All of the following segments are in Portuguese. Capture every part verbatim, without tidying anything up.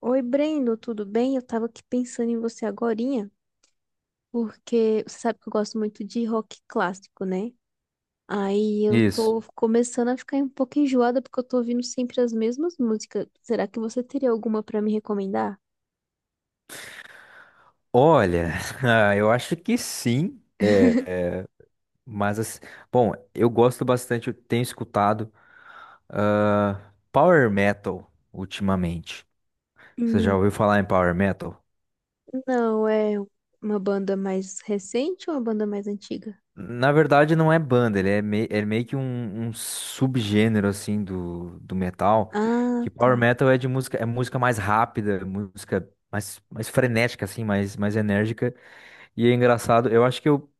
Oi, Brendo, tudo bem? Eu tava aqui pensando em você agorinha, porque você sabe que eu gosto muito de rock clássico, né? Aí eu Isso. tô começando a ficar um pouco enjoada porque eu tô ouvindo sempre as mesmas músicas. Será que você teria alguma pra me recomendar? Olha, ah, eu acho que sim, é, mas assim, bom, eu gosto bastante, eu tenho escutado ah, Power Metal ultimamente. Você já Hum, ouviu falar em Power Metal? não, é uma banda mais recente ou uma banda mais antiga? Na verdade, não é banda, ele é, mei- é meio que um, um subgênero assim do, do metal. Ah, Que Power tá. Metal é de música, é música mais rápida, música mais, mais frenética assim, mais, mais enérgica. E é engraçado, eu acho que eu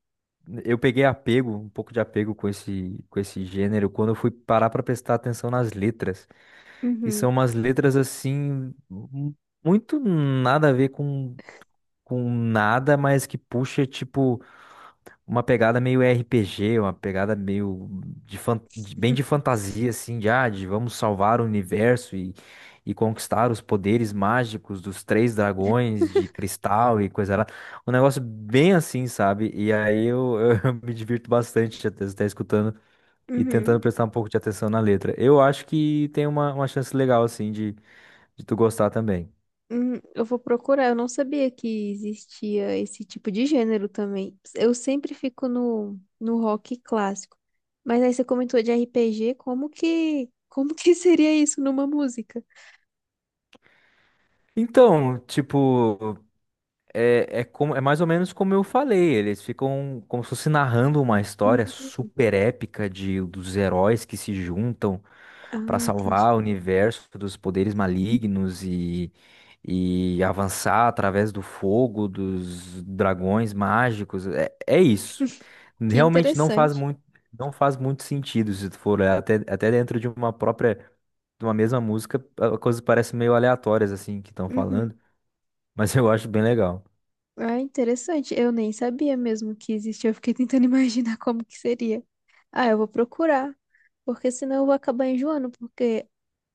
Eu peguei apego, um pouco de apego com esse, com esse gênero, quando eu fui parar para prestar atenção nas letras, que Uhum, são umas letras assim, mu- muito nada a ver com, com nada, mas que puxa, tipo uma pegada meio R P G, uma pegada meio de fan- de- bem de fantasia, assim, de, ah, de vamos salvar o universo e, e conquistar os poderes mágicos dos três dragões de cristal e coisa lá. Um negócio bem assim, sabe? E aí eu, eu me divirto bastante até estar escutando e tentando uhum. prestar um pouco de atenção na letra. Eu acho que tem uma, uma chance legal, assim, de, de tu gostar também. Hum, eu vou procurar. Eu não sabia que existia esse tipo de gênero também. Eu sempre fico no, no rock clássico. Mas aí você comentou de R P G, como que, como que seria isso numa música? Então, tipo. É, é, como, é mais ou menos como eu falei, eles ficam como se fosse narrando uma Hum, história super épica de, dos heróis que se juntam ah, para entendi. salvar o universo dos poderes malignos e, e avançar através do fogo, dos dragões mágicos. É, é isso. Que Realmente não faz interessante. muito, Não faz muito sentido se tu for olhar até, até dentro de uma própria, de uma mesma música, a- coisas parecem meio aleatórias assim que estão Uhum. falando, mas eu acho bem legal. Ah, interessante. Eu nem sabia mesmo que existia. Eu fiquei tentando imaginar como que seria. Ah, eu vou procurar. Porque senão eu vou acabar enjoando, porque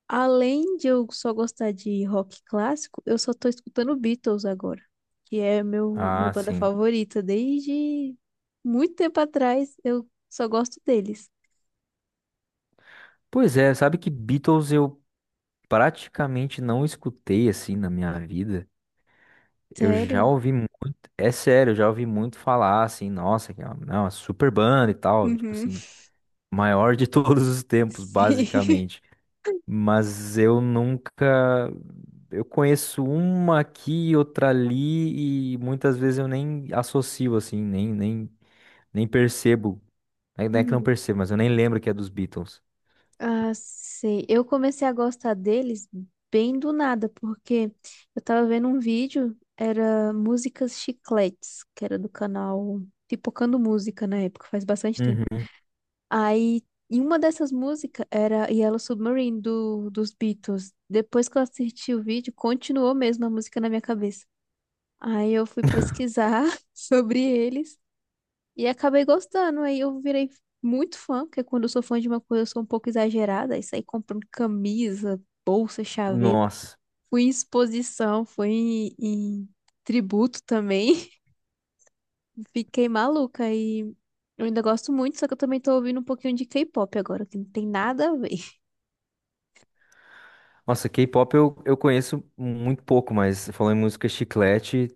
além de eu só gostar de rock clássico, eu só tô escutando Beatles agora, que é meu, minha Ah, banda sim. favorita desde muito tempo atrás. Eu só gosto deles. Pois é, sabe que Beatles eu praticamente não escutei assim na minha vida. Eu já Sério? ouvi muito, é sério, eu já ouvi muito falar assim, nossa, que é uma, é uma super banda e tal, tipo Uhum. assim, maior de todos os tempos, Sim. basicamente. Mas eu nunca, Eu conheço uma aqui, outra ali e muitas vezes eu nem associo assim, nem nem nem percebo. Não é que não Hum. percebo, mas eu nem lembro que é dos Beatles. Ah, sei. Eu comecei a gostar deles bem do nada, porque eu tava vendo um vídeo, era Músicas Chicletes, que era do canal Pipocando Música na época, faz bastante tempo. Uhum. Aí, em uma dessas músicas era Yellow Submarine do, dos Beatles. Depois que eu assisti o vídeo, continuou mesmo a música na minha cabeça. Aí eu fui pesquisar sobre eles e acabei gostando. Aí eu virei muito fã, porque quando eu sou fã de uma coisa, eu sou um pouco exagerada. Aí saí comprando camisa, bolsa, chaveiro. Nossa. Fui em exposição, fui em, em tributo também. Fiquei maluca e eu ainda gosto muito, só que eu também tô ouvindo um pouquinho de K-pop agora, que não tem nada a ver. Nossa, K-pop eu, eu conheço muito pouco, mas falando em música chiclete,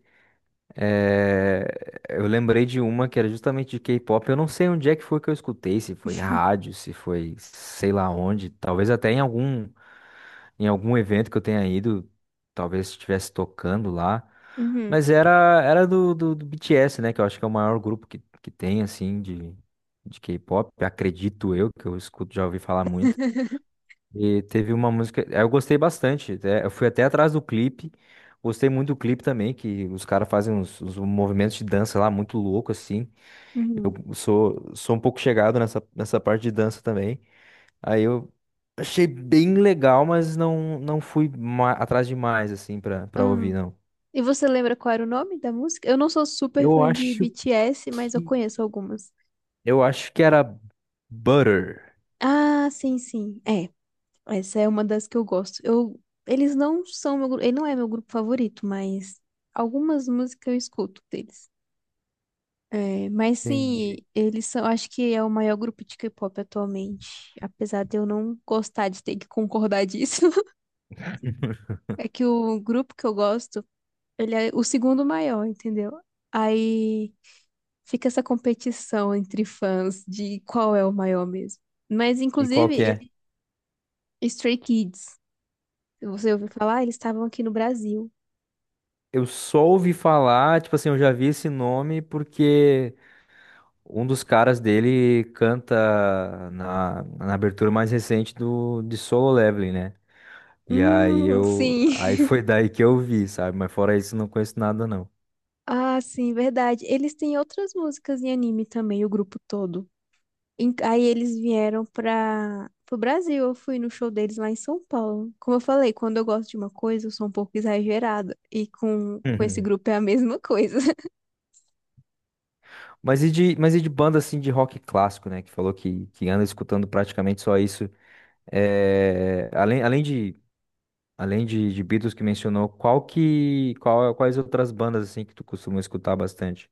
é, eu lembrei de uma que era justamente de K-pop. Eu não sei onde é que foi que eu escutei, se foi rádio, se foi sei lá onde, talvez até em algum, em algum evento que eu tenha ido, talvez estivesse tocando lá. Uhum. Mas era, era do, do, do B T S, né? Que eu acho que é o maior grupo que, que tem, assim, de, de K-pop. Acredito eu, que eu escuto, já ouvi falar muito. E teve uma música, é, eu gostei bastante, até- eu fui até atrás do clipe, gostei muito do clipe também, que os caras fazem uns, uns movimentos de dança lá muito louco assim. Uhum. Eu sou, sou um pouco chegado nessa, nessa parte de dança também. Aí eu achei bem legal, mas não, não fui ma- atrás demais assim pra, pra Ah, ouvir, não. e você lembra qual era o nome da música? Eu não sou super Eu fã de acho B T S, mas eu que conheço algumas. eu acho que era Butter. Ah, sim, sim. É, essa é uma das que eu gosto. Eu, eles não são meu, gru- ele não é meu grupo favorito, mas algumas músicas eu escuto deles. É, mas sim, Entendi. eles são, acho que é o maior grupo de K-pop atualmente, apesar de eu não gostar de ter que concordar disso. É que o grupo que eu gosto, ele é o segundo maior, entendeu? Aí fica essa competição entre fãs de qual é o maior mesmo. Mas, E qual inclusive, que é? ele... Stray Kids, se você ouviu falar, eles estavam aqui no Brasil. Eu só ouvi falar, tipo assim, eu já vi esse nome porque um dos caras dele canta na, na abertura mais recente do, de Solo Leveling, né? E aí Hum, eu, sim. aí foi daí que eu vi, sabe? Mas fora isso, não conheço nada, não. Ah, sim, verdade. Eles têm outras músicas em anime também, o grupo todo. Em- Aí eles vieram para o Brasil. Eu fui no show deles lá em São Paulo. Como eu falei, quando eu gosto de uma coisa, eu sou um pouco exagerada. E com, com esse grupo é a mesma coisa. Mas e de, mas e de banda assim de rock clássico, né? Que falou que, que anda escutando praticamente só isso. É, além, além de, além de, de Beatles que mencionou, qual que, qual, quais outras bandas assim que tu costuma escutar bastante?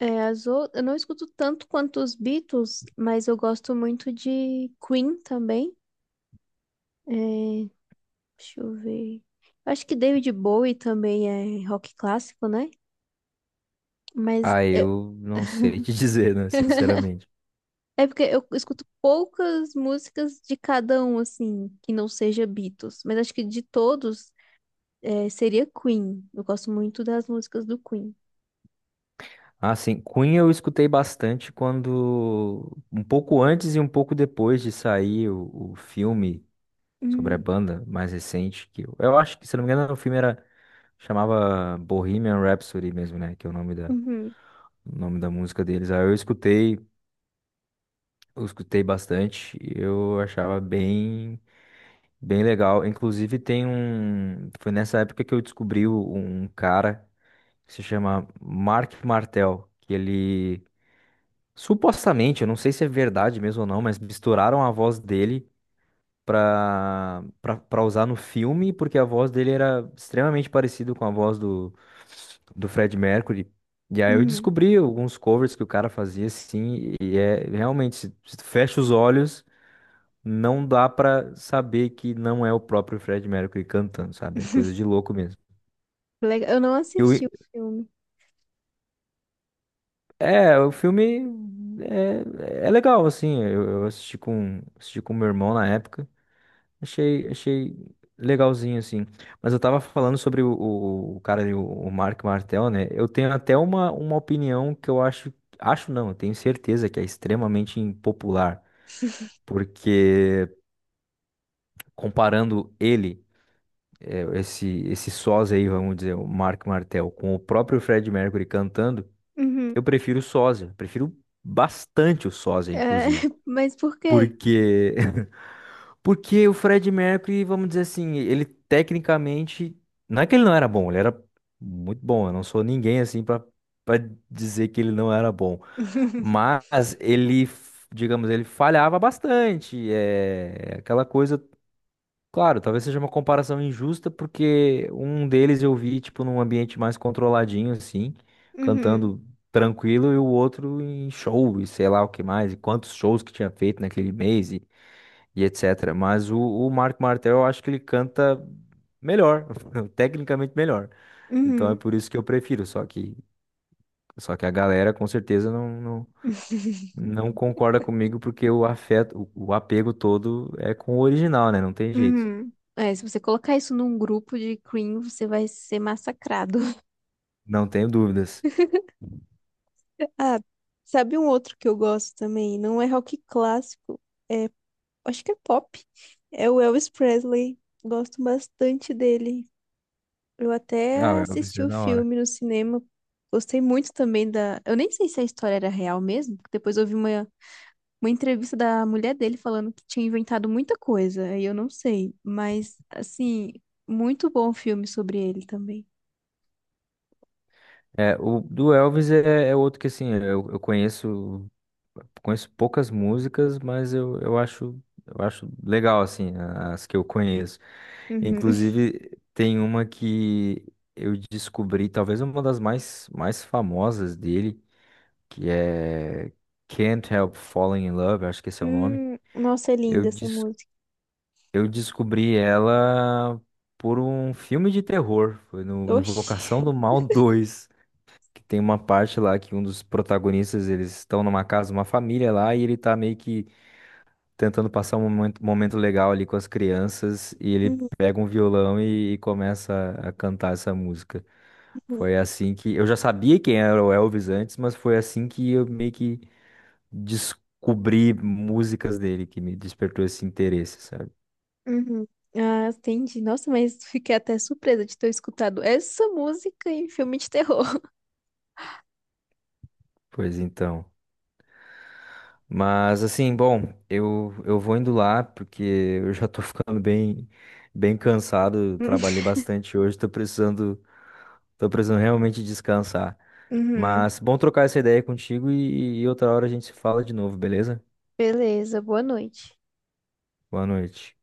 É, as ou- eu não escuto tanto quanto os Beatles, mas eu gosto muito de Queen também. É, deixa eu ver. Eu acho que David Bowie também é rock clássico, né? Mas Ah, eu- eu não sei te dizer, né, sinceramente. É porque eu escuto poucas músicas de cada um, assim, que não seja Beatles. Mas acho que de todos, é, seria Queen. Eu gosto muito das músicas do Queen. Ah, sim, Queen eu escutei bastante quando, um pouco antes e um pouco depois de sair o, o filme sobre a Hum, banda mais recente, que eu, eu acho que, se não me engano, o filme era, chamava Bohemian Rhapsody mesmo, né, que é o nome da, uhum, o nome da música deles. Aí eu escutei, eu escutei bastante, e eu achava bem bem legal. Inclusive tem um. Foi nessa época que eu descobri o- um cara que se chama Mark Martel, que ele supostamente, eu não sei se é verdade mesmo ou não, mas misturaram a voz dele pra, pra, pra usar no filme, porque a voz dele era extremamente parecida com a voz do, do Fred Mercury. E aí eu uhum. descobri alguns covers que o cara fazia assim, e é realmente, se se tu fecha os olhos não dá pra saber que não é o próprio Fred Mercury cantando, sabe? É coisa de louco mesmo. Legal. Eu não Eu, assisti o filme. é, o filme é, é legal, assim. Eu, eu assisti com, assisti com meu irmão na época. Achei, achei legalzinho, assim. Mas eu tava falando sobre o, o, o cara, ali, o, o Mark Martel, né? Eu tenho até uma, uma opinião que eu acho. Acho não, eu tenho certeza que é extremamente impopular. Porque comparando ele. Esse, esse sós aí, vamos dizer, o Mark Martel, com o próprio Fred Mercury cantando, Uhum. eu prefiro o sósia, prefiro bastante o sósia, É, inclusive. mas por quê? Porque, porque o Fred Mercury, vamos dizer assim, ele tecnicamente, não é que ele não era bom, ele era muito bom, eu não sou ninguém assim para para dizer que ele não era bom, mas ele, digamos, ele falhava bastante, é aquela coisa. Claro, talvez seja uma comparação injusta, porque um deles eu vi, tipo, num ambiente mais controladinho, assim, Uhum, cantando tranquilo, e o outro em show, e sei lá o que mais, e quantos shows que tinha feito naquele mês, e, e et cetera. Mas o, o Marco Martel, eu acho que ele canta melhor, tecnicamente melhor. Então é uhum, por isso que eu prefiro, só que, só que a galera com certeza não, não, não concorda comigo, porque o afeto, o, o apego todo é com o original, né? Não tem jeito. uhum. É, se você colocar isso num grupo de cream, você vai ser massacrado. Não tenho dúvidas. Ah, sabe um outro que eu gosto também? Não é rock clássico, é, acho que é pop. É o Elvis Presley. Gosto bastante dele. Eu Ah, o até Elvis assisti é o da hora. filme no cinema. Gostei muito também da. Eu nem sei se a história era real mesmo, porque depois eu vi uma uma entrevista da mulher dele falando que tinha inventado muita coisa, aí eu não sei, mas assim, muito bom filme sobre ele também. É, o do Elvis é, é outro que assim, eu, eu conheço, conheço poucas músicas, mas eu, eu acho, eu acho legal assim, as que eu conheço. Uhum. Inclusive tem uma que eu descobri, talvez uma das mais mais famosas dele, que é Can't Help Falling in Love, acho que esse é o nome. Hum, nossa, é Eu linda essa des- música. eu descobri ela por um filme de terror, foi no Oxi. Invocação do Mal dois. Que tem uma parte lá que um dos protagonistas, eles estão numa casa, uma família lá, e ele tá meio que tentando passar um momento, momento legal ali com as crianças, e ele Uhum, pega um violão e, e começa a cantar essa música. Foi assim que eu já sabia quem era o Elvis antes, mas foi assim que eu meio que descobri músicas dele que me despertou esse interesse, sabe? uhum. Ah, entendi. Nossa, mas fiquei até surpresa de ter escutado essa música em filme de terror. Pois então. Mas assim, bom, eu, eu vou indo lá porque eu já tô ficando bem bem cansado, trabalhei bastante hoje, tô precisando tô precisando realmente descansar. Uhum. Mas bom trocar essa ideia contigo e, e outra hora a gente se fala de novo, beleza? Beleza, boa noite. Boa noite.